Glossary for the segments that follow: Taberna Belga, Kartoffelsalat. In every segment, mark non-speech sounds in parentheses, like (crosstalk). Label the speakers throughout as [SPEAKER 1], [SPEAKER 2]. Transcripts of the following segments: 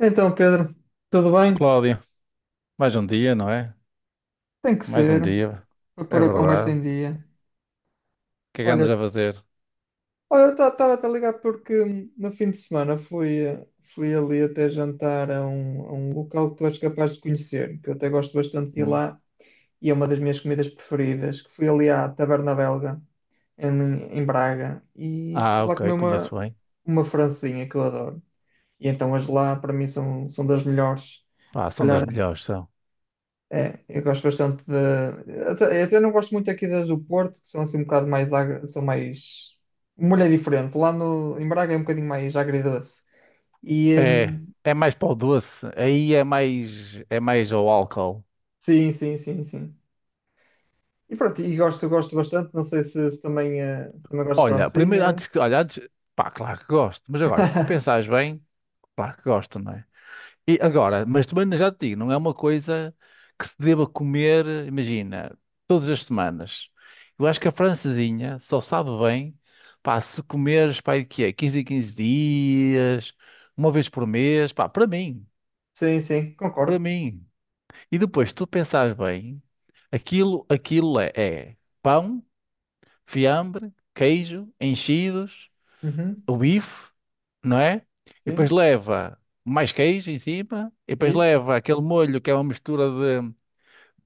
[SPEAKER 1] Então, Pedro, tudo bem?
[SPEAKER 2] Cláudio, mais um dia, não é?
[SPEAKER 1] Tem que
[SPEAKER 2] Mais um
[SPEAKER 1] ser,
[SPEAKER 2] dia,
[SPEAKER 1] para
[SPEAKER 2] é
[SPEAKER 1] pôr a conversa
[SPEAKER 2] verdade.
[SPEAKER 1] em
[SPEAKER 2] O
[SPEAKER 1] dia.
[SPEAKER 2] que é que
[SPEAKER 1] Olha,
[SPEAKER 2] andas a fazer?
[SPEAKER 1] olha, estava a ligar porque no fim de semana fui, fui ali até jantar a a um local que tu és capaz de conhecer, que eu até gosto bastante de ir
[SPEAKER 2] Hum.
[SPEAKER 1] lá, e é uma das minhas comidas preferidas, que fui ali à Taberna Belga, em Braga, e fui
[SPEAKER 2] Ah,
[SPEAKER 1] lá comer
[SPEAKER 2] ok, conheço bem.
[SPEAKER 1] uma francesinha que eu adoro. E então as lá, para mim, são das melhores.
[SPEAKER 2] Ah,
[SPEAKER 1] Se
[SPEAKER 2] são das
[SPEAKER 1] calhar
[SPEAKER 2] melhores, são.
[SPEAKER 1] é, eu gosto bastante de. Até, eu até não gosto muito aqui das do Porto, que são assim um bocado mais. São mais. Uma mulher diferente. Lá no, em Braga é um bocadinho mais agridoce. E.
[SPEAKER 2] É, é mais para o doce, aí é mais ao álcool.
[SPEAKER 1] Sim, sim, sim, sim. E pronto, e gosto, gosto bastante. Não sei se também, se também gosto de
[SPEAKER 2] Olha, primeiro,
[SPEAKER 1] francinha.
[SPEAKER 2] antes que, olha, antes, pá, claro que gosto, mas agora, se tu
[SPEAKER 1] (laughs)
[SPEAKER 2] pensares bem, claro que gosto, não é? E agora, mas também já te digo, não é uma coisa que se deva comer, imagina, todas as semanas. Eu acho que a francesinha só sabe bem, pá, se comeres, pá, o que é, 15 em 15 dias, uma vez por mês, pá, para mim,
[SPEAKER 1] Sim, sim,
[SPEAKER 2] para
[SPEAKER 1] concordo.
[SPEAKER 2] mim. E depois, se tu pensares bem, aquilo, aquilo é, é pão, fiambre, queijo, enchidos,
[SPEAKER 1] Uhum,
[SPEAKER 2] o bife, não é? E depois
[SPEAKER 1] sim,
[SPEAKER 2] leva mais queijo em cima, e depois
[SPEAKER 1] isso.
[SPEAKER 2] leva aquele molho que é uma mistura de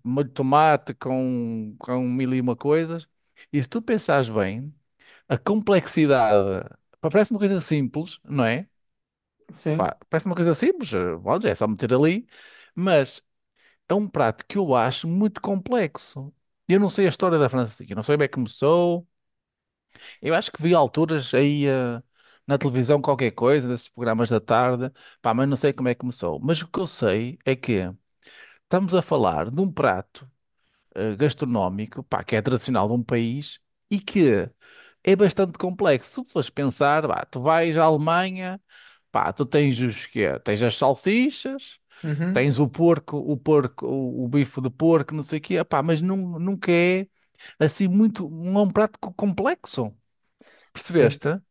[SPEAKER 2] molho de tomate com mil e uma coisas. E se tu pensares bem, a complexidade, pá, parece uma coisa simples, não é?
[SPEAKER 1] Sim,
[SPEAKER 2] Pá, parece uma coisa simples, bom, é só meter ali, mas é um prato que eu acho muito complexo. Eu não sei a história da França, eu não sei bem como começou. Eu acho que vi alturas aí na televisão qualquer coisa, desses programas da tarde, pá, mas não sei como é que começou. Mas o que eu sei é que estamos a falar de um prato gastronómico, pá, que é tradicional de um país e que é bastante complexo. Se tu fores pensar, pá, tu vais à Alemanha, pá, tu tens os quê? Tens as salsichas,
[SPEAKER 1] uhum,
[SPEAKER 2] tens o porco, o porco, o bife de porco, não sei o quê, pá, mas nunca é assim muito, não é um prato complexo.
[SPEAKER 1] sim.
[SPEAKER 2] Percebeste?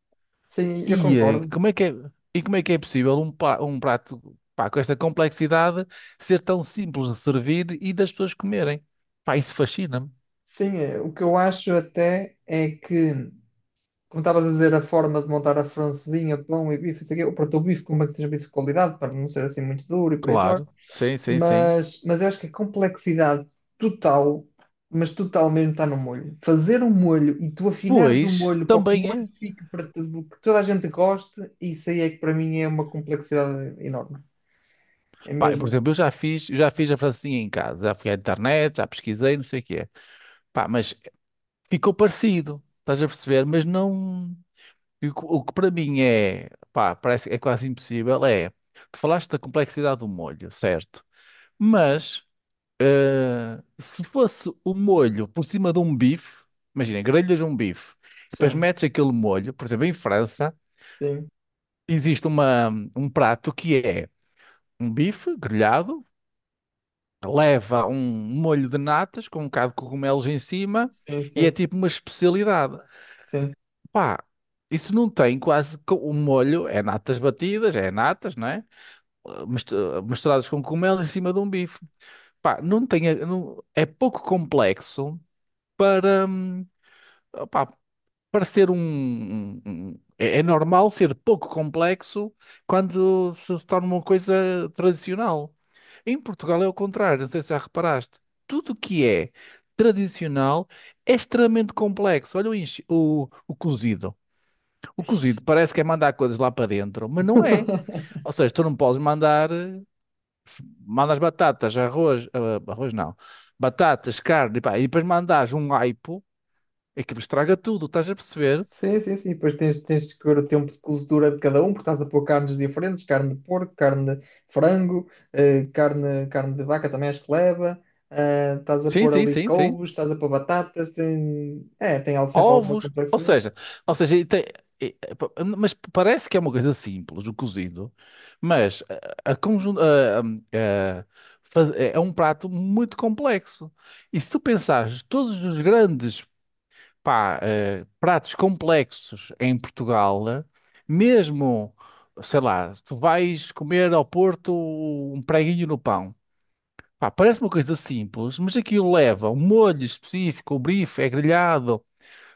[SPEAKER 1] Sim, eu
[SPEAKER 2] E
[SPEAKER 1] concordo.
[SPEAKER 2] como é que é, e como é que é possível um, um prato, pá, com esta complexidade ser tão simples de servir e das pessoas comerem? Pá, isso fascina-me.
[SPEAKER 1] Sim, o que eu acho até é que, como estavas a dizer, a forma de montar a francesinha, pão e bife, não sei o quê, ou para o teu bife, como é que seja bife de qualidade, para não ser assim muito duro e por aí fora.
[SPEAKER 2] Claro, sim, sim, sim.
[SPEAKER 1] Mas eu acho que a complexidade total, mas total mesmo, está no molho. Fazer um molho e tu afinares o
[SPEAKER 2] Pois,
[SPEAKER 1] molho para que o
[SPEAKER 2] também
[SPEAKER 1] molho
[SPEAKER 2] é.
[SPEAKER 1] fique para tudo, que toda a gente goste, isso aí é que para mim é uma complexidade enorme. É
[SPEAKER 2] Pá, por
[SPEAKER 1] mesmo?
[SPEAKER 2] exemplo, eu já fiz a francesinha em casa, já fui à internet, já pesquisei, não sei o que é. Pá, mas ficou parecido, estás a perceber? Mas não. O que para mim é, pá, parece que é quase impossível é. Tu falaste da complexidade do molho, certo? Mas. Se fosse o molho por cima de um bife, imagina, grelhas de um bife, depois
[SPEAKER 1] Sim,
[SPEAKER 2] metes aquele molho, por exemplo, em França,
[SPEAKER 1] sim,
[SPEAKER 2] existe uma, um prato que é um bife grelhado, leva um molho de natas com um bocado de cogumelos em cima
[SPEAKER 1] sim,
[SPEAKER 2] e é
[SPEAKER 1] sim,
[SPEAKER 2] tipo uma especialidade.
[SPEAKER 1] sim.
[SPEAKER 2] Pá, isso não tem quase. O molho é natas batidas, é natas, não é? Misturadas com cogumelos em cima de um bife. Pá, não tem. É pouco complexo para. Parecer um, É é normal ser pouco complexo quando se torna uma coisa tradicional. Em Portugal é o contrário, não sei se já reparaste. Tudo o que é tradicional é extremamente complexo. Olha o, o cozido. O cozido parece que é mandar coisas lá para dentro, mas não é.
[SPEAKER 1] (laughs)
[SPEAKER 2] Ou seja, tu não podes mandar... Mandas batatas, arroz... ah, arroz não. Batatas, carne, pá, e depois mandas um aipo, aquilo estraga tudo, estás a perceber?
[SPEAKER 1] Sim, sim, sim. Depois tens de ver o tempo de cozedura de cada um, porque estás a pôr carnes diferentes, carne de porco, carne de frango, carne de vaca também acho que leva. Estás a
[SPEAKER 2] Sim,
[SPEAKER 1] pôr
[SPEAKER 2] sim,
[SPEAKER 1] ali
[SPEAKER 2] sim, sim.
[SPEAKER 1] couves, estás a pôr batatas, tem, é, tem algo, sempre alguma
[SPEAKER 2] Ovos,
[SPEAKER 1] complexidade.
[SPEAKER 2] ou seja, e- e- pa- mas parece que é uma coisa simples, o cozido, mas a conjun- a- faz- é é um prato muito complexo. E se tu pensares todos os grandes pá, pratos complexos em Portugal, mesmo, sei lá, tu vais comer ao Porto um preguinho no pão. Pá, parece uma coisa simples, mas aquilo leva um molho específico, o bife é grelhado,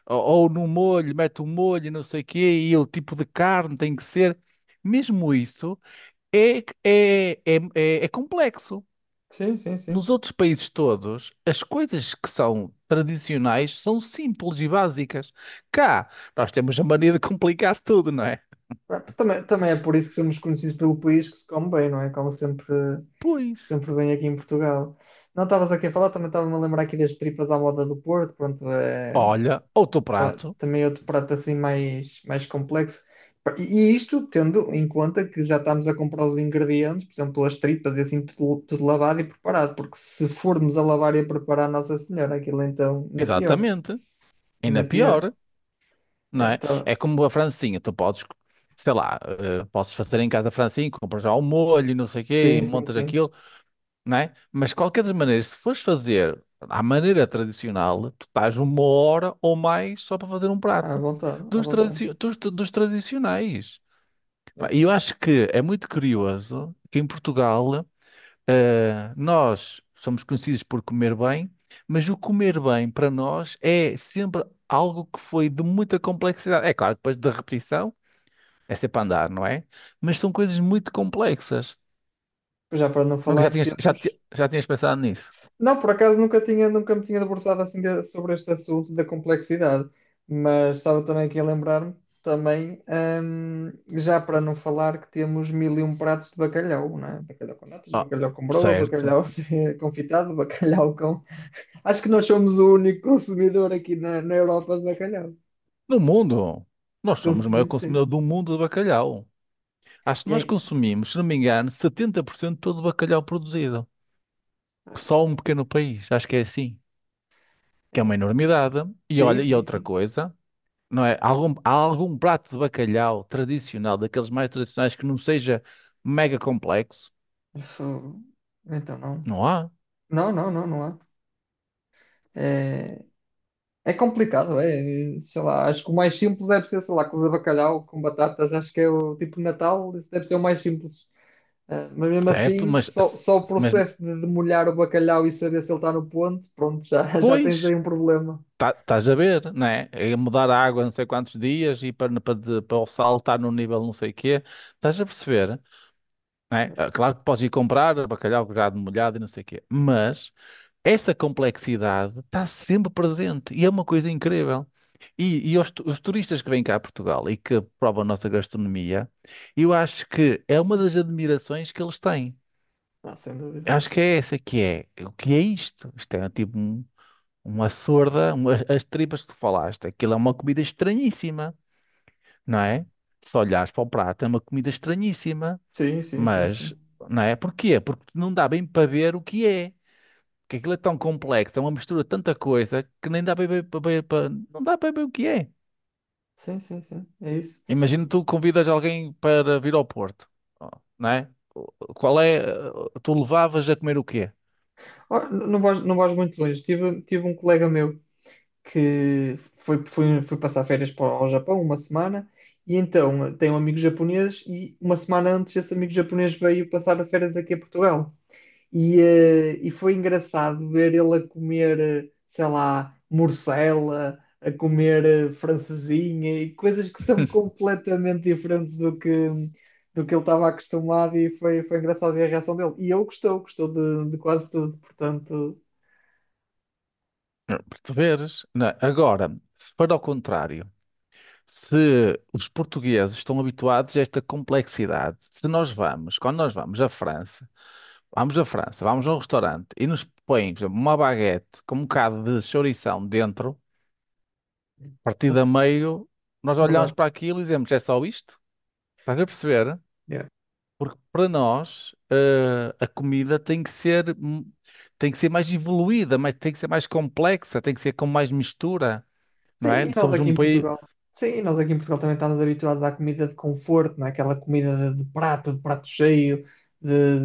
[SPEAKER 2] ou no molho, mete o molho, e não sei o quê, e o tipo de carne tem que ser. Mesmo isso é, é complexo.
[SPEAKER 1] Sim, sim,
[SPEAKER 2] Nos
[SPEAKER 1] sim.
[SPEAKER 2] outros países todos, as coisas que são tradicionais são simples e básicas. Cá, nós temos a mania de complicar tudo, não é?
[SPEAKER 1] Ah, também, também é por isso que somos conhecidos pelo país que se come bem, não é? Como sempre,
[SPEAKER 2] Pois.
[SPEAKER 1] sempre bem aqui em Portugal. Não estavas aqui a falar, também estava-me a lembrar aqui das tripas à moda do Porto, pronto, é,
[SPEAKER 2] Olha, outro prato.
[SPEAKER 1] também é outro prato assim mais complexo. E e isto tendo em conta que já estamos a comprar os ingredientes, por exemplo, as tripas e assim, tudo lavado e preparado, porque se formos a lavar e a preparar, Nossa Senhora, aquilo então ainda pior,
[SPEAKER 2] Exatamente. Ainda
[SPEAKER 1] ainda pior.
[SPEAKER 2] pior, não
[SPEAKER 1] É,
[SPEAKER 2] é?
[SPEAKER 1] tá.
[SPEAKER 2] É como a francinha. Tu podes, sei lá, podes fazer em casa a francinha, compras já o molho, e não sei o quê, e
[SPEAKER 1] Sim, sim,
[SPEAKER 2] montas
[SPEAKER 1] sim,
[SPEAKER 2] aquilo, não é? Mas de qualquer das maneiras, se fores fazer à maneira tradicional, tu estás uma hora ou mais só para fazer um
[SPEAKER 1] à
[SPEAKER 2] prato
[SPEAKER 1] vontade, à
[SPEAKER 2] dos,
[SPEAKER 1] vontade.
[SPEAKER 2] dos tradicionais.
[SPEAKER 1] É.
[SPEAKER 2] Pá, e eu acho que é muito curioso que em Portugal nós somos conhecidos por comer bem, mas o comer bem para nós é sempre algo que foi de muita complexidade. É claro, depois da repetição é sempre a andar, não é? Mas são coisas muito complexas.
[SPEAKER 1] Já para não
[SPEAKER 2] Nunca já
[SPEAKER 1] falar que
[SPEAKER 2] tinhas, já,
[SPEAKER 1] temos.
[SPEAKER 2] ti- Já tinhas pensado nisso?
[SPEAKER 1] Não, por acaso nunca tinha, nunca me tinha debruçado assim sobre este assunto da complexidade, mas estava também aqui a lembrar-me também, hum, já para não falar que temos mil e um pratos de bacalhau, não é? Bacalhau com natas,
[SPEAKER 2] Ah,
[SPEAKER 1] bacalhau com broa,
[SPEAKER 2] certo.
[SPEAKER 1] bacalhau (laughs) confitado, bacalhau com... Acho que nós somos o único consumidor aqui na Europa de bacalhau.
[SPEAKER 2] No mundo, nós somos o maior
[SPEAKER 1] Consumimos, sim.
[SPEAKER 2] consumidor do mundo de bacalhau. Acho que
[SPEAKER 1] E
[SPEAKER 2] nós
[SPEAKER 1] aí?
[SPEAKER 2] consumimos, se não me engano, 70% de todo o bacalhau produzido. Só um pequeno país, acho que é assim. Que é
[SPEAKER 1] É.
[SPEAKER 2] uma enormidade. E
[SPEAKER 1] Sim,
[SPEAKER 2] olha, e
[SPEAKER 1] sim,
[SPEAKER 2] outra
[SPEAKER 1] sim.
[SPEAKER 2] coisa, não é? Algum, há algum prato de bacalhau tradicional, daqueles mais tradicionais, que não seja mega complexo?
[SPEAKER 1] Isso- então não.
[SPEAKER 2] Não há,
[SPEAKER 1] Não, não, não, não há. É, é complicado, é. Sei lá, acho que o mais simples deve ser, sei lá, cozer bacalhau com batatas. Acho que é o tipo de Natal, isso deve ser o mais simples. Ah, mas mesmo
[SPEAKER 2] certo?
[SPEAKER 1] assim,
[SPEAKER 2] Mas,
[SPEAKER 1] só o
[SPEAKER 2] mas
[SPEAKER 1] processo de demolhar o bacalhau e saber se ele está no ponto, pronto, já, (laughs) já tens aí
[SPEAKER 2] pois,
[SPEAKER 1] um problema.
[SPEAKER 2] estás a ver, não é? É mudar a água não sei quantos dias e para, para, para o sal estar no nível não sei o quê. Estás a perceber? Né? Ah, claro que podes ir comprar bacalhau já molhado e não sei o quê, mas essa complexidade está sempre presente e é uma coisa incrível. E, os turistas que vêm cá a Portugal e que provam a nossa gastronomia, eu acho que é uma das admirações que eles têm.
[SPEAKER 1] Ah, sem dúvida.
[SPEAKER 2] Eu acho que é essa que é. O que é isto? Isto é tipo uma sorda, as tripas que tu falaste. Aquilo é uma comida estranhíssima, não é? Se olhares para o prato, é uma comida estranhíssima.
[SPEAKER 1] Sim, sim, sim,
[SPEAKER 2] Mas,
[SPEAKER 1] sim.
[SPEAKER 2] não é? Porquê? Porque não dá bem para ver o que é. Porque aquilo é tão complexo, é uma mistura de tanta coisa que nem dá bem para ver não dá bem o que é.
[SPEAKER 1] Sim, sim, sim. É isso.
[SPEAKER 2] Imagina tu convidas alguém para vir ao Porto, não é? Qual é? Tu levavas a comer o quê?
[SPEAKER 1] Ó, não vais, não vais muito longe. Tive, tive um colega meu que foi passar férias para o Japão uma semana e então tem um amigo japonês e uma semana antes esse amigo japonês veio passar férias aqui a Portugal e, e foi engraçado ver ele a comer, sei lá, morcela, a comer francesinha e coisas que são
[SPEAKER 2] (laughs)
[SPEAKER 1] completamente diferentes do que ele estava acostumado e foi, foi engraçado ver a reação dele. E ele gostou, gostou de quase tudo, portanto,
[SPEAKER 2] Não, perceberes? Não é? Agora, se for ao contrário, se os portugueses estão habituados a esta complexidade, se nós vamos, quando nós vamos à França, vamos à França, vamos a um restaurante e nos põem, por exemplo, uma baguete com um bocado de chourição dentro, partida a
[SPEAKER 1] (laughs)
[SPEAKER 2] meio, nós olhamos
[SPEAKER 1] é
[SPEAKER 2] para aquilo e dizemos, é só isto? Estás a perceber?
[SPEAKER 1] verdade.
[SPEAKER 2] Porque para nós, a comida tem que ser mais evoluída, mas tem que ser mais complexa, tem que ser com mais mistura,
[SPEAKER 1] Sim,
[SPEAKER 2] não é?
[SPEAKER 1] e nós
[SPEAKER 2] Somos
[SPEAKER 1] aqui
[SPEAKER 2] um
[SPEAKER 1] em
[SPEAKER 2] país
[SPEAKER 1] Portugal. Sim, e nós aqui em Portugal também estamos habituados à comida de conforto, não é? Aquela comida de prato cheio, de,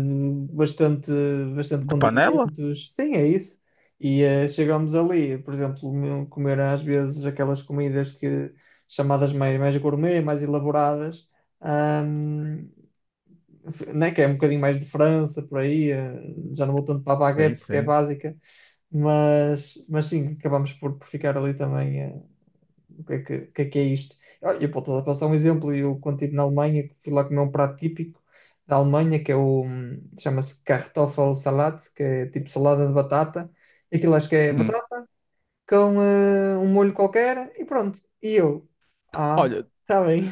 [SPEAKER 1] de bastante, bastante
[SPEAKER 2] de panela?
[SPEAKER 1] condimentos. Sim, é isso. E chegamos ali, por exemplo, comer às vezes aquelas comidas que chamadas mais, mais gourmet, mais elaboradas, ahm, né? Que é um bocadinho mais de França, por aí, já não vou tanto para a
[SPEAKER 2] Sim,
[SPEAKER 1] baguete porque é
[SPEAKER 2] sim.
[SPEAKER 1] básica. Mas sim, acabamos por ficar ali também. O que é que, o que é isto? Ah, eu posso dar- um exemplo, eu quando estive na Alemanha, fui lá comer um prato típico da Alemanha, que é o, chama-se Kartoffelsalat, que é tipo salada de batata, aquilo acho que é
[SPEAKER 2] Hum.
[SPEAKER 1] batata com um molho qualquer, e pronto, e eu, ah,
[SPEAKER 2] Olha,
[SPEAKER 1] está bem.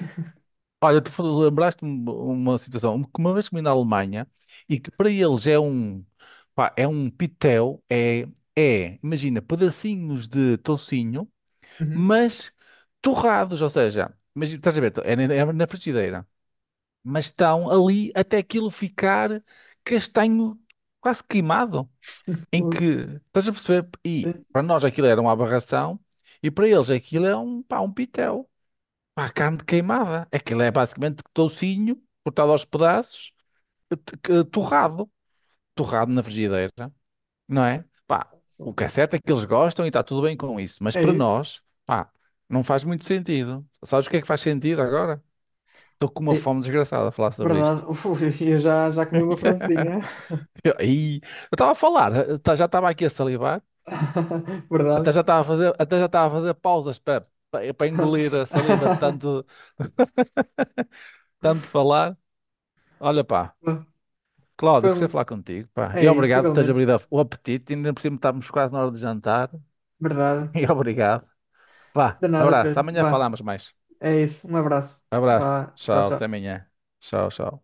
[SPEAKER 2] olha, lembraste-me uma situação que uma vez comi na Alemanha e que para eles é um, pá, é um pitel, é, é, imagina, pedacinhos de toucinho,
[SPEAKER 1] Uhum.
[SPEAKER 2] mas torrados, ou seja, mas estás a ver, é na frigideira, mas estão ali até aquilo ficar castanho quase queimado, em
[SPEAKER 1] Uh,
[SPEAKER 2] que, estás a perceber? E
[SPEAKER 1] sim.
[SPEAKER 2] para nós aquilo era uma aberração e para eles aquilo é um, pá, um pitel. Pá, carne queimada. Aquilo é basicamente toucinho, cortado aos pedaços, torrado. Torrado na frigideira, não é? Pá, o que é certo é que eles gostam e está tudo bem com isso. Mas
[SPEAKER 1] É
[SPEAKER 2] para
[SPEAKER 1] isso.
[SPEAKER 2] nós, pá, não faz muito sentido. Sabes o que é que faz sentido agora? Estou com uma
[SPEAKER 1] É,
[SPEAKER 2] fome desgraçada a falar sobre isto.
[SPEAKER 1] verdade. (laughs) Uf, eu já, já comi uma francesinha.
[SPEAKER 2] (laughs) Eu estava a falar, já estava aqui a salivar,
[SPEAKER 1] (laughs)
[SPEAKER 2] até
[SPEAKER 1] Verdade.
[SPEAKER 2] já estava a fazer, até já estava a fazer pausas para, para, engolir a saliva de tanto,
[SPEAKER 1] (laughs)
[SPEAKER 2] (laughs) tanto falar. Olha, pá. Cláudio,
[SPEAKER 1] Foi
[SPEAKER 2] gostei de
[SPEAKER 1] um-
[SPEAKER 2] falar contigo, pá. E
[SPEAKER 1] é isso,
[SPEAKER 2] obrigado por teres
[SPEAKER 1] igualmente.
[SPEAKER 2] abrido o apetite. Ainda por cima estávamos quase na hora de jantar.
[SPEAKER 1] Verdade.
[SPEAKER 2] (laughs) E obrigado. Vá,
[SPEAKER 1] De nada,
[SPEAKER 2] abraço.
[SPEAKER 1] Pedro.
[SPEAKER 2] Amanhã
[SPEAKER 1] Vá,
[SPEAKER 2] falamos mais.
[SPEAKER 1] é isso. Um abraço.
[SPEAKER 2] Abraço.
[SPEAKER 1] Vá, tchau,
[SPEAKER 2] Tchau, até
[SPEAKER 1] tchau.
[SPEAKER 2] amanhã. Tchau, tchau.